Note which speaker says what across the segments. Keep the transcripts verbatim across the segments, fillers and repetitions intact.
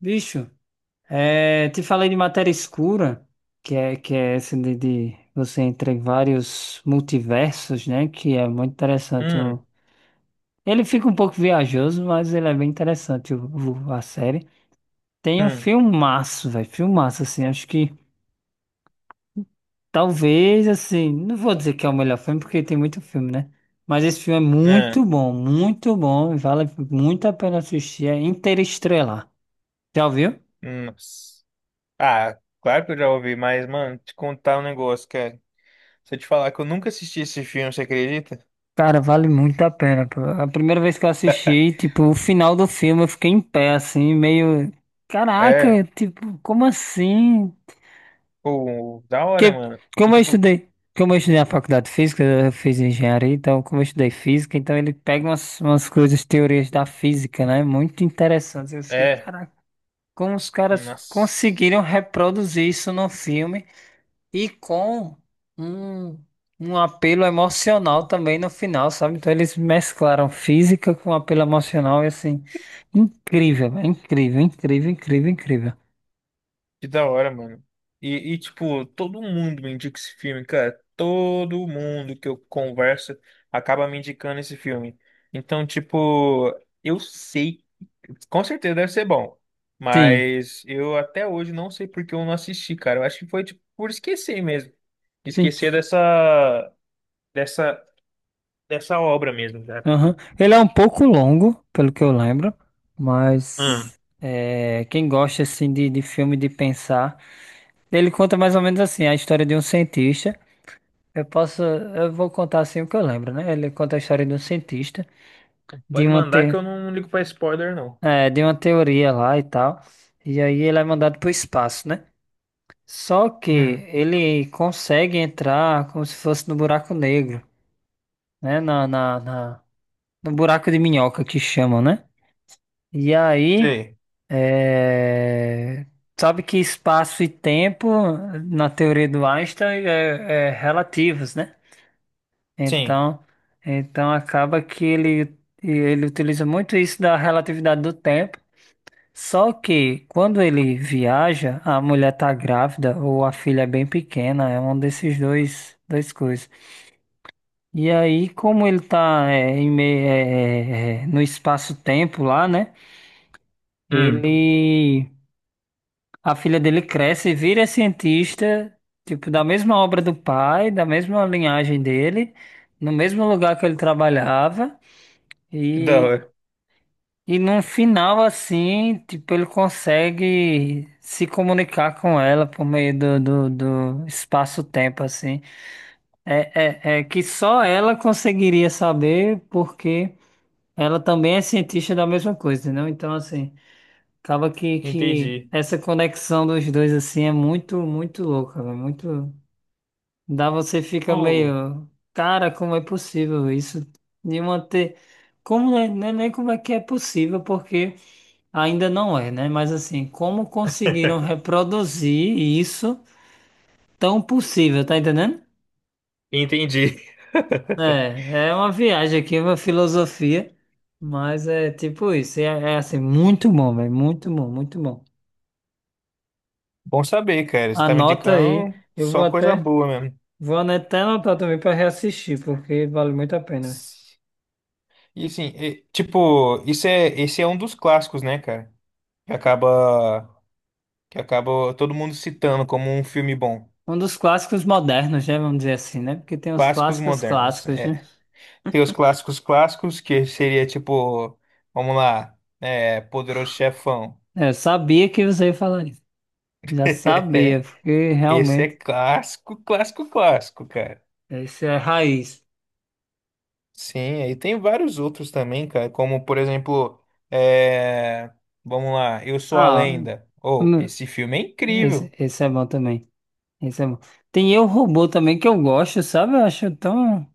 Speaker 1: Bicho, é, te falei de matéria escura, que é, que é essa de, de você entrar em vários multiversos, né? Que é muito interessante.
Speaker 2: Hum,
Speaker 1: o- Ele fica um pouco viajoso, mas ele é bem interessante, o, o- a série. Tem um
Speaker 2: hum,
Speaker 1: filmaço, velho. Filmaço, assim. Acho que talvez, assim. Não vou dizer que é o melhor filme, porque tem muito filme, né? Mas esse filme é
Speaker 2: é,
Speaker 1: muito bom, muito bom. e vale muito a pena assistir. É Interestrelar. Já ouviu?
Speaker 2: nossa. Ah, claro que eu já ouvi, mas, mano, te contar um negócio, cara. Se eu te falar que eu nunca assisti esse filme, você acredita?
Speaker 1: Cara, vale muito a pena, pô. A primeira vez que eu assisti, tipo, o final do filme eu fiquei em pé, assim, meio. Caraca,
Speaker 2: É,
Speaker 1: tipo, como assim?
Speaker 2: pô, da hora,
Speaker 1: Que,
Speaker 2: mano. E,
Speaker 1: Como eu
Speaker 2: tipo,
Speaker 1: estudei. Como eu estudei na faculdade de física, eu fiz engenharia, então, como eu estudei física, então ele pega umas, umas coisas, teorias da física, né? Muito interessantes. Eu fiquei,
Speaker 2: é,
Speaker 1: caraca, como os caras conseguiram
Speaker 2: nossa,
Speaker 1: reproduzir isso no filme? E com um, um apelo emocional também no final, sabe? Então eles mesclaram física com apelo emocional e assim, incrível, é incrível, incrível, incrível, incrível.
Speaker 2: que da hora, mano. E, e, tipo, todo mundo me indica esse filme, cara. Todo mundo que eu converso acaba me indicando esse filme. Então, tipo, eu sei. Com certeza deve ser bom.
Speaker 1: Sim,
Speaker 2: Mas eu até hoje não sei por que eu não assisti, cara. Eu acho que foi tipo, por esquecer mesmo.
Speaker 1: sim.
Speaker 2: Esquecer dessa, dessa, dessa obra mesmo, cara.
Speaker 1: Aham. Ele é um pouco longo, pelo que eu lembro,
Speaker 2: Hum.
Speaker 1: mas é, quem gosta assim de, de filme de pensar, ele conta mais ou menos assim a história de um cientista. Eu posso, eu vou contar assim o que eu lembro, né? Ele conta a história de um cientista, de
Speaker 2: Pode
Speaker 1: uma
Speaker 2: mandar que
Speaker 1: te...
Speaker 2: eu não ligo pra spoiler, não.
Speaker 1: É, de uma teoria lá e tal. E aí ele é mandado para o espaço, né? Só que
Speaker 2: Hum,
Speaker 1: ele consegue entrar como se fosse no buraco negro, né? Na, na, na- no buraco de minhoca que chamam, né? E aí,
Speaker 2: sei.
Speaker 1: é, sabe que espaço e tempo, na teoria do Einstein, é, é relativos, né?
Speaker 2: Sim.
Speaker 1: Então, então acaba que ele, ele utiliza muito isso da relatividade do tempo. Só que quando ele viaja, a mulher tá grávida ou a filha é bem pequena, é um desses dois, dois coisas. E aí, como ele tá é, em meio, é, é, é, no espaço-tempo lá, né?
Speaker 2: Hum.
Speaker 1: Ele, a filha dele cresce e vira cientista, tipo, da mesma obra do pai, da mesma linhagem dele, no mesmo lugar que ele trabalhava.
Speaker 2: Que da hora.
Speaker 1: E num final assim, tipo, ele consegue se comunicar com ela por meio do, do, do espaço-tempo, assim. É, é, é que só ela conseguiria saber, porque ela também é cientista da mesma coisa, não? Então, assim, acaba que, que
Speaker 2: Entendi.
Speaker 1: essa conexão dos dois, assim, é muito, muito louca, velho. Muito. Dá você fica
Speaker 2: Oh.
Speaker 1: meio. Cara, como é possível isso? De manter. Como não é, não é nem como é que é possível, porque. Ainda não é, né? Mas assim, como conseguiram reproduzir isso tão possível, tá entendendo?
Speaker 2: Entendi.
Speaker 1: É, é uma viagem aqui, é uma filosofia, mas é tipo isso, é, é assim, muito bom, velho, muito bom, muito bom.
Speaker 2: Bom saber, cara. Você tá me
Speaker 1: Anota aí,
Speaker 2: indicando
Speaker 1: eu vou
Speaker 2: só coisa
Speaker 1: até,
Speaker 2: boa mesmo.
Speaker 1: vou até anotar também para reassistir, porque vale muito a pena, velho.
Speaker 2: E assim, e, tipo, isso é, esse é um dos clássicos, né, cara? Que acaba que acaba todo mundo citando como um filme bom.
Speaker 1: Um dos clássicos modernos, né? Vamos dizer assim, né? Porque tem os
Speaker 2: Clássicos
Speaker 1: clássicos
Speaker 2: modernos.
Speaker 1: clássicos, né?
Speaker 2: É. Tem os clássicos clássicos, que seria tipo, vamos lá, é, Poderoso Chefão.
Speaker 1: É, eu sabia que você ia falar isso. Já sabia, porque
Speaker 2: Esse é
Speaker 1: realmente
Speaker 2: clássico, clássico, clássico, cara.
Speaker 1: isso é raiz.
Speaker 2: Sim, aí tem vários outros também, cara, como por exemplo, é, vamos lá, Eu Sou a
Speaker 1: Ah,
Speaker 2: Lenda. Oh,
Speaker 1: hum,
Speaker 2: esse filme é
Speaker 1: esse,
Speaker 2: incrível.
Speaker 1: esse é bom também. Esse é bom. Tem Eu, Robô também que eu gosto, sabe? Eu acho tão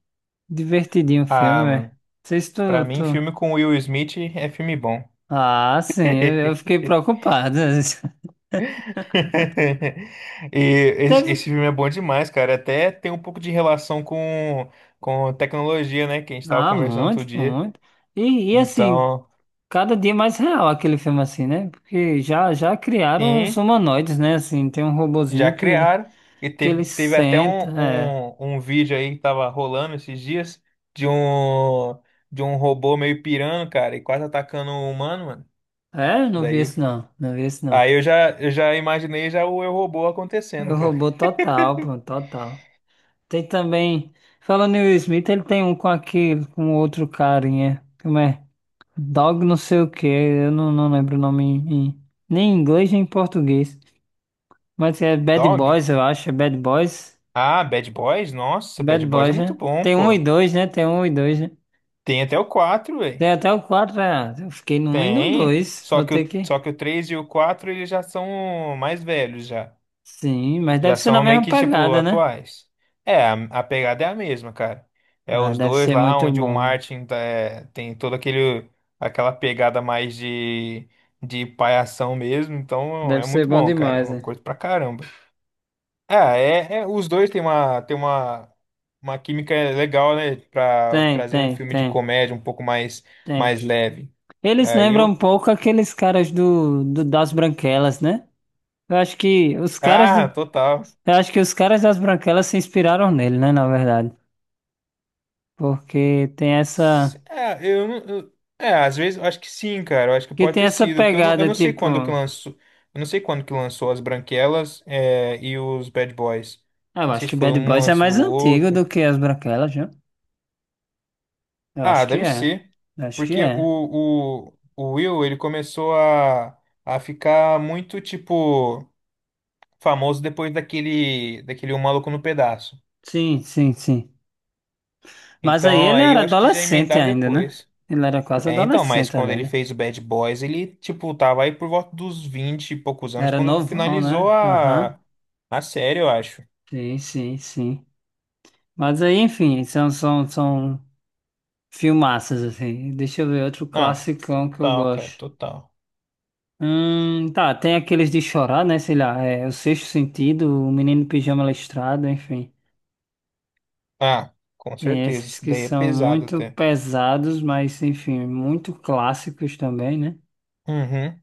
Speaker 1: divertidinho o filme,
Speaker 2: Ah,
Speaker 1: velho. Não
Speaker 2: mano,
Speaker 1: sei se tu,
Speaker 2: pra mim,
Speaker 1: tu...
Speaker 2: filme com Will Smith é filme bom.
Speaker 1: Ah, sim, eu, eu fiquei preocupado.
Speaker 2: E esse, esse
Speaker 1: Teve...
Speaker 2: filme é bom demais, cara. Até tem um pouco de relação com, com tecnologia, né? Que a gente tava
Speaker 1: Ah,
Speaker 2: conversando outro
Speaker 1: muito, pô,
Speaker 2: dia.
Speaker 1: muito. E, e assim,
Speaker 2: Então,
Speaker 1: cada dia mais real aquele filme assim, né? Porque já, já criaram os
Speaker 2: sim,
Speaker 1: humanoides, né? Assim, tem um
Speaker 2: já
Speaker 1: robozinho que ele,
Speaker 2: criaram. E
Speaker 1: que ele
Speaker 2: teve, teve até
Speaker 1: senta,
Speaker 2: um,
Speaker 1: é.
Speaker 2: um, um vídeo aí que tava rolando esses dias de um, de um robô meio pirando, cara, e quase atacando um humano, mano.
Speaker 1: É, não vi
Speaker 2: Daí,
Speaker 1: esse não, não vi esse não.
Speaker 2: aí eu já, eu já imaginei já o Eu Robô acontecendo,
Speaker 1: Eu
Speaker 2: cara.
Speaker 1: robô total, pô, total. Tem também. Falando em Will Smith, ele tem um com aquele, com outro carinha. Como é? Dog não sei o que. Eu não, não lembro o nome em, em- nem em inglês nem em português. Mas é Bad
Speaker 2: Dog?
Speaker 1: Boys, eu acho. É Bad Boys.
Speaker 2: Ah, Bad Boys? Nossa,
Speaker 1: Bad
Speaker 2: Bad Boys é
Speaker 1: Boys,
Speaker 2: muito
Speaker 1: né?
Speaker 2: bom,
Speaker 1: Tem um e
Speaker 2: pô.
Speaker 1: dois, né? Tem um e dois, né?
Speaker 2: Tem até o quatro, velho.
Speaker 1: Tem até o quatro. Ah, eu fiquei no um e no
Speaker 2: Tem.
Speaker 1: dois.
Speaker 2: Só
Speaker 1: Vou
Speaker 2: que
Speaker 1: ter
Speaker 2: o,
Speaker 1: que.
Speaker 2: só que o três e o quatro eles já são mais velhos já.
Speaker 1: Sim, mas deve
Speaker 2: Já
Speaker 1: ser na
Speaker 2: são meio
Speaker 1: mesma
Speaker 2: que tipo
Speaker 1: pegada, né?
Speaker 2: atuais. É, a, a pegada é a mesma, cara. É
Speaker 1: Ah,
Speaker 2: os
Speaker 1: deve
Speaker 2: dois
Speaker 1: ser
Speaker 2: lá
Speaker 1: muito
Speaker 2: onde o
Speaker 1: bom.
Speaker 2: Martin tá- é, tem toda aquele aquela pegada mais de de palhação mesmo, então
Speaker 1: Deve
Speaker 2: é
Speaker 1: ser
Speaker 2: muito
Speaker 1: bom
Speaker 2: bom, cara.
Speaker 1: demais,
Speaker 2: Eu
Speaker 1: né?
Speaker 2: curto pra caramba. Ah, é, é- os dois têm uma, têm uma, uma química legal, né? Pra
Speaker 1: Tem,
Speaker 2: trazer um
Speaker 1: tem,
Speaker 2: filme de
Speaker 1: tem.
Speaker 2: comédia um pouco mais,
Speaker 1: tem.
Speaker 2: mais leve.
Speaker 1: Eles
Speaker 2: Aí
Speaker 1: lembram
Speaker 2: eu.
Speaker 1: um pouco aqueles caras do, do- das Branquelas, né? Eu acho que os caras
Speaker 2: Ah,
Speaker 1: do-
Speaker 2: total.
Speaker 1: eu acho que os caras das Branquelas se inspiraram nele, né, na verdade. Porque tem
Speaker 2: S-
Speaker 1: essa
Speaker 2: É, eu, não- eu- é, às vezes eu acho que sim, cara. Eu acho que
Speaker 1: que
Speaker 2: pode
Speaker 1: tem
Speaker 2: ter
Speaker 1: essa
Speaker 2: sido, porque eu não, eu
Speaker 1: pegada
Speaker 2: não sei
Speaker 1: tipo,
Speaker 2: quando que lançou. Eu não sei quando que lançou as Branquelas, é, e os Bad Boys.
Speaker 1: ah, eu
Speaker 2: Não
Speaker 1: acho
Speaker 2: sei se
Speaker 1: que
Speaker 2: foi
Speaker 1: Bad
Speaker 2: um
Speaker 1: Boys é
Speaker 2: antes do
Speaker 1: mais antigo
Speaker 2: outro.
Speaker 1: do que as Branquelas, viu? Eu
Speaker 2: Ah,
Speaker 1: acho que
Speaker 2: deve
Speaker 1: é.
Speaker 2: ser.
Speaker 1: Eu acho que
Speaker 2: Porque
Speaker 1: é.
Speaker 2: o, o, o Will, ele começou a, a ficar muito, tipo, famoso depois daquele, daquele Um Maluco no Pedaço.
Speaker 1: Sim, sim, sim. Mas aí
Speaker 2: Então,
Speaker 1: ele
Speaker 2: aí
Speaker 1: era
Speaker 2: eu acho que já
Speaker 1: adolescente
Speaker 2: emendaram
Speaker 1: ainda, né?
Speaker 2: depois.
Speaker 1: Ele era quase
Speaker 2: É, então, mas
Speaker 1: adolescente
Speaker 2: quando
Speaker 1: ali,
Speaker 2: ele
Speaker 1: né?
Speaker 2: fez o Bad Boys, ele, tipo, tava aí por volta dos vinte e poucos anos,
Speaker 1: Era
Speaker 2: quando
Speaker 1: novão,
Speaker 2: finalizou
Speaker 1: né? Aham.
Speaker 2: a, a série, eu acho.
Speaker 1: Sim, sim, sim. Mas aí, enfim, são, são, são filmaças, assim. Deixa eu ver outro
Speaker 2: Ah,
Speaker 1: classicão que eu
Speaker 2: total, cara,
Speaker 1: gosto.
Speaker 2: total.
Speaker 1: Hum, tá, tem aqueles de chorar, né? Sei lá, é O Sexto Sentido, O Menino Pijama Listrado, enfim.
Speaker 2: Ah, com
Speaker 1: Tem
Speaker 2: certeza.
Speaker 1: esses
Speaker 2: Isso
Speaker 1: que
Speaker 2: daí é
Speaker 1: são
Speaker 2: pesado
Speaker 1: muito
Speaker 2: até.
Speaker 1: pesados, mas, enfim, muito clássicos também, né?
Speaker 2: Uhum.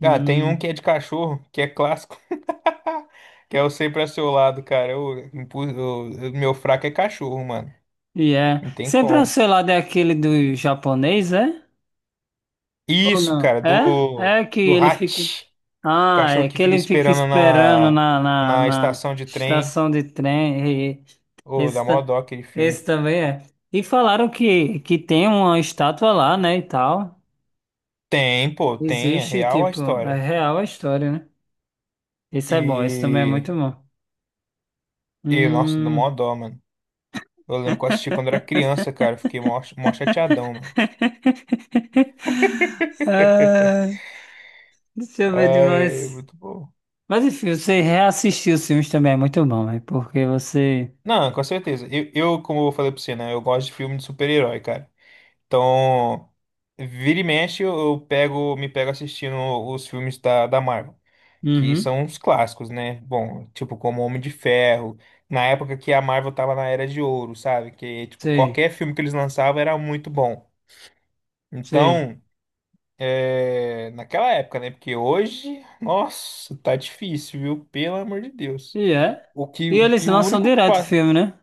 Speaker 2: Cara, tem um que
Speaker 1: Hum,
Speaker 2: é de cachorro, que é clássico. Que é o sempre ao seu lado, cara. Eu, eu- meu fraco é cachorro, mano.
Speaker 1: e é.
Speaker 2: Não tem
Speaker 1: Sempre,
Speaker 2: como.
Speaker 1: sei lá, daquele do japonês, é? Ou
Speaker 2: Isso,
Speaker 1: não?
Speaker 2: cara, do,
Speaker 1: É? É que
Speaker 2: do
Speaker 1: ele fica.
Speaker 2: Hatch. O
Speaker 1: Ah,
Speaker 2: cachorro
Speaker 1: é
Speaker 2: que
Speaker 1: que
Speaker 2: fica
Speaker 1: ele fica
Speaker 2: esperando
Speaker 1: esperando
Speaker 2: na,
Speaker 1: na, na,
Speaker 2: na
Speaker 1: na
Speaker 2: estação de trem.
Speaker 1: estação de trem. e-
Speaker 2: Ô, da dá
Speaker 1: Esse,
Speaker 2: mó
Speaker 1: ta-
Speaker 2: dó aquele filme.
Speaker 1: esse também é. E falaram que, que tem uma estátua lá, né, e tal.
Speaker 2: Tem, pô, tem. É
Speaker 1: Existe,
Speaker 2: real a
Speaker 1: tipo, é
Speaker 2: história.
Speaker 1: real a história, né? Isso é bom, isso também é
Speaker 2: E,
Speaker 1: muito bom.
Speaker 2: e nossa, dá mó
Speaker 1: Hum...
Speaker 2: dó, mano. Eu lembro que eu assisti quando era criança, cara. Fiquei mó, mó chateadão, mano.
Speaker 1: Ah, deixa eu ver
Speaker 2: Ai, é
Speaker 1: demais.
Speaker 2: muito bom.
Speaker 1: Mas enfim, você reassistir os filmes também é muito bom, é porque você...
Speaker 2: Não, com certeza. Eu, eu, como eu falei pra você, né? Eu gosto de filme de super-herói, cara. Então, vira e mexe, eu, eu pego, me pego assistindo os filmes da, da Marvel, que
Speaker 1: Uhum,
Speaker 2: são os clássicos, né? Bom, tipo, como Homem de Ferro, na época que a Marvel tava na Era de Ouro, sabe? Que, tipo,
Speaker 1: sei,
Speaker 2: qualquer filme que eles lançavam era muito bom.
Speaker 1: sei.
Speaker 2: Então, é, naquela época, né? Porque hoje, nossa, tá difícil, viu? Pelo amor de Deus.
Speaker 1: E é.
Speaker 2: O que,
Speaker 1: E
Speaker 2: o
Speaker 1: eles
Speaker 2: que, o
Speaker 1: lançam
Speaker 2: único que
Speaker 1: direto o
Speaker 2: passa.
Speaker 1: filme, né?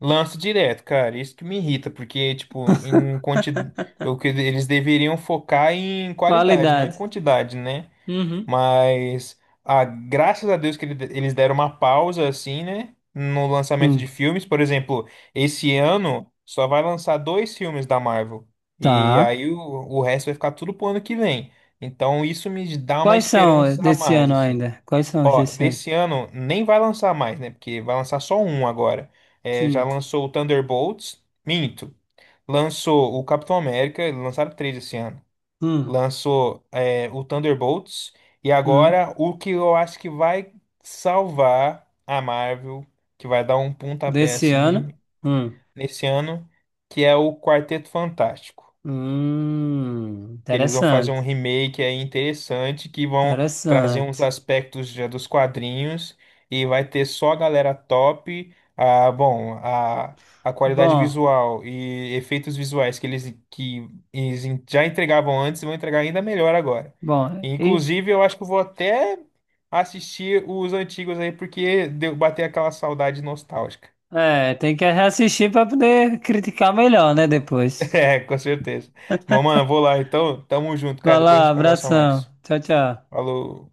Speaker 2: Lança direto, cara. Isso que me irrita, porque, tipo, em quantidade. O que eles deveriam focar em qualidade, não em
Speaker 1: Qualidade.
Speaker 2: quantidade, né?
Speaker 1: Uhum.
Speaker 2: Mas, ah, graças a Deus que ele- eles deram uma pausa, assim, né? No lançamento
Speaker 1: Sim.
Speaker 2: de filmes. Por exemplo, esse ano só vai lançar dois filmes da Marvel. E
Speaker 1: Tá.
Speaker 2: aí o, o resto vai ficar tudo pro ano que vem. Então, isso me dá uma
Speaker 1: Quais são
Speaker 2: esperança a
Speaker 1: desse
Speaker 2: mais,
Speaker 1: ano
Speaker 2: assim.
Speaker 1: ainda? Quais são os
Speaker 2: Ó,
Speaker 1: desse ano?
Speaker 2: desse ano nem vai lançar mais, né? Porque vai lançar só um agora. É, já
Speaker 1: Sim.
Speaker 2: lançou o Thunderbolts, minto. Lançou o Capitão América, lançaram três esse ano.
Speaker 1: Hum.
Speaker 2: Lançou, é, o Thunderbolts. E
Speaker 1: Hum.
Speaker 2: agora o que eu acho que vai salvar a Marvel, que vai dar um pontapé
Speaker 1: Desse ano?
Speaker 2: assim
Speaker 1: Hum.
Speaker 2: nesse ano, que é o Quarteto Fantástico
Speaker 1: Hum.
Speaker 2: que eles vão fazer um
Speaker 1: Interessante.
Speaker 2: remake aí interessante que vão trazer uns
Speaker 1: Interessante.
Speaker 2: aspectos já dos quadrinhos e vai ter só a galera top, a, bom, a, a qualidade
Speaker 1: Bom.
Speaker 2: visual e efeitos visuais que eles que eles en- já entregavam antes e vão entregar ainda melhor agora.
Speaker 1: Bom.
Speaker 2: E,
Speaker 1: E
Speaker 2: Inclusive, eu acho que eu vou até assistir os antigos aí porque deu bater aquela saudade nostálgica.
Speaker 1: é, tem que reassistir para poder criticar melhor, né? Depois.
Speaker 2: É, com certeza. Mas, mano, eu vou lá então. Tamo junto,
Speaker 1: Vai
Speaker 2: cara. Depois a
Speaker 1: lá,
Speaker 2: gente conversa
Speaker 1: abração.
Speaker 2: mais.
Speaker 1: Tchau, tchau.
Speaker 2: Falou.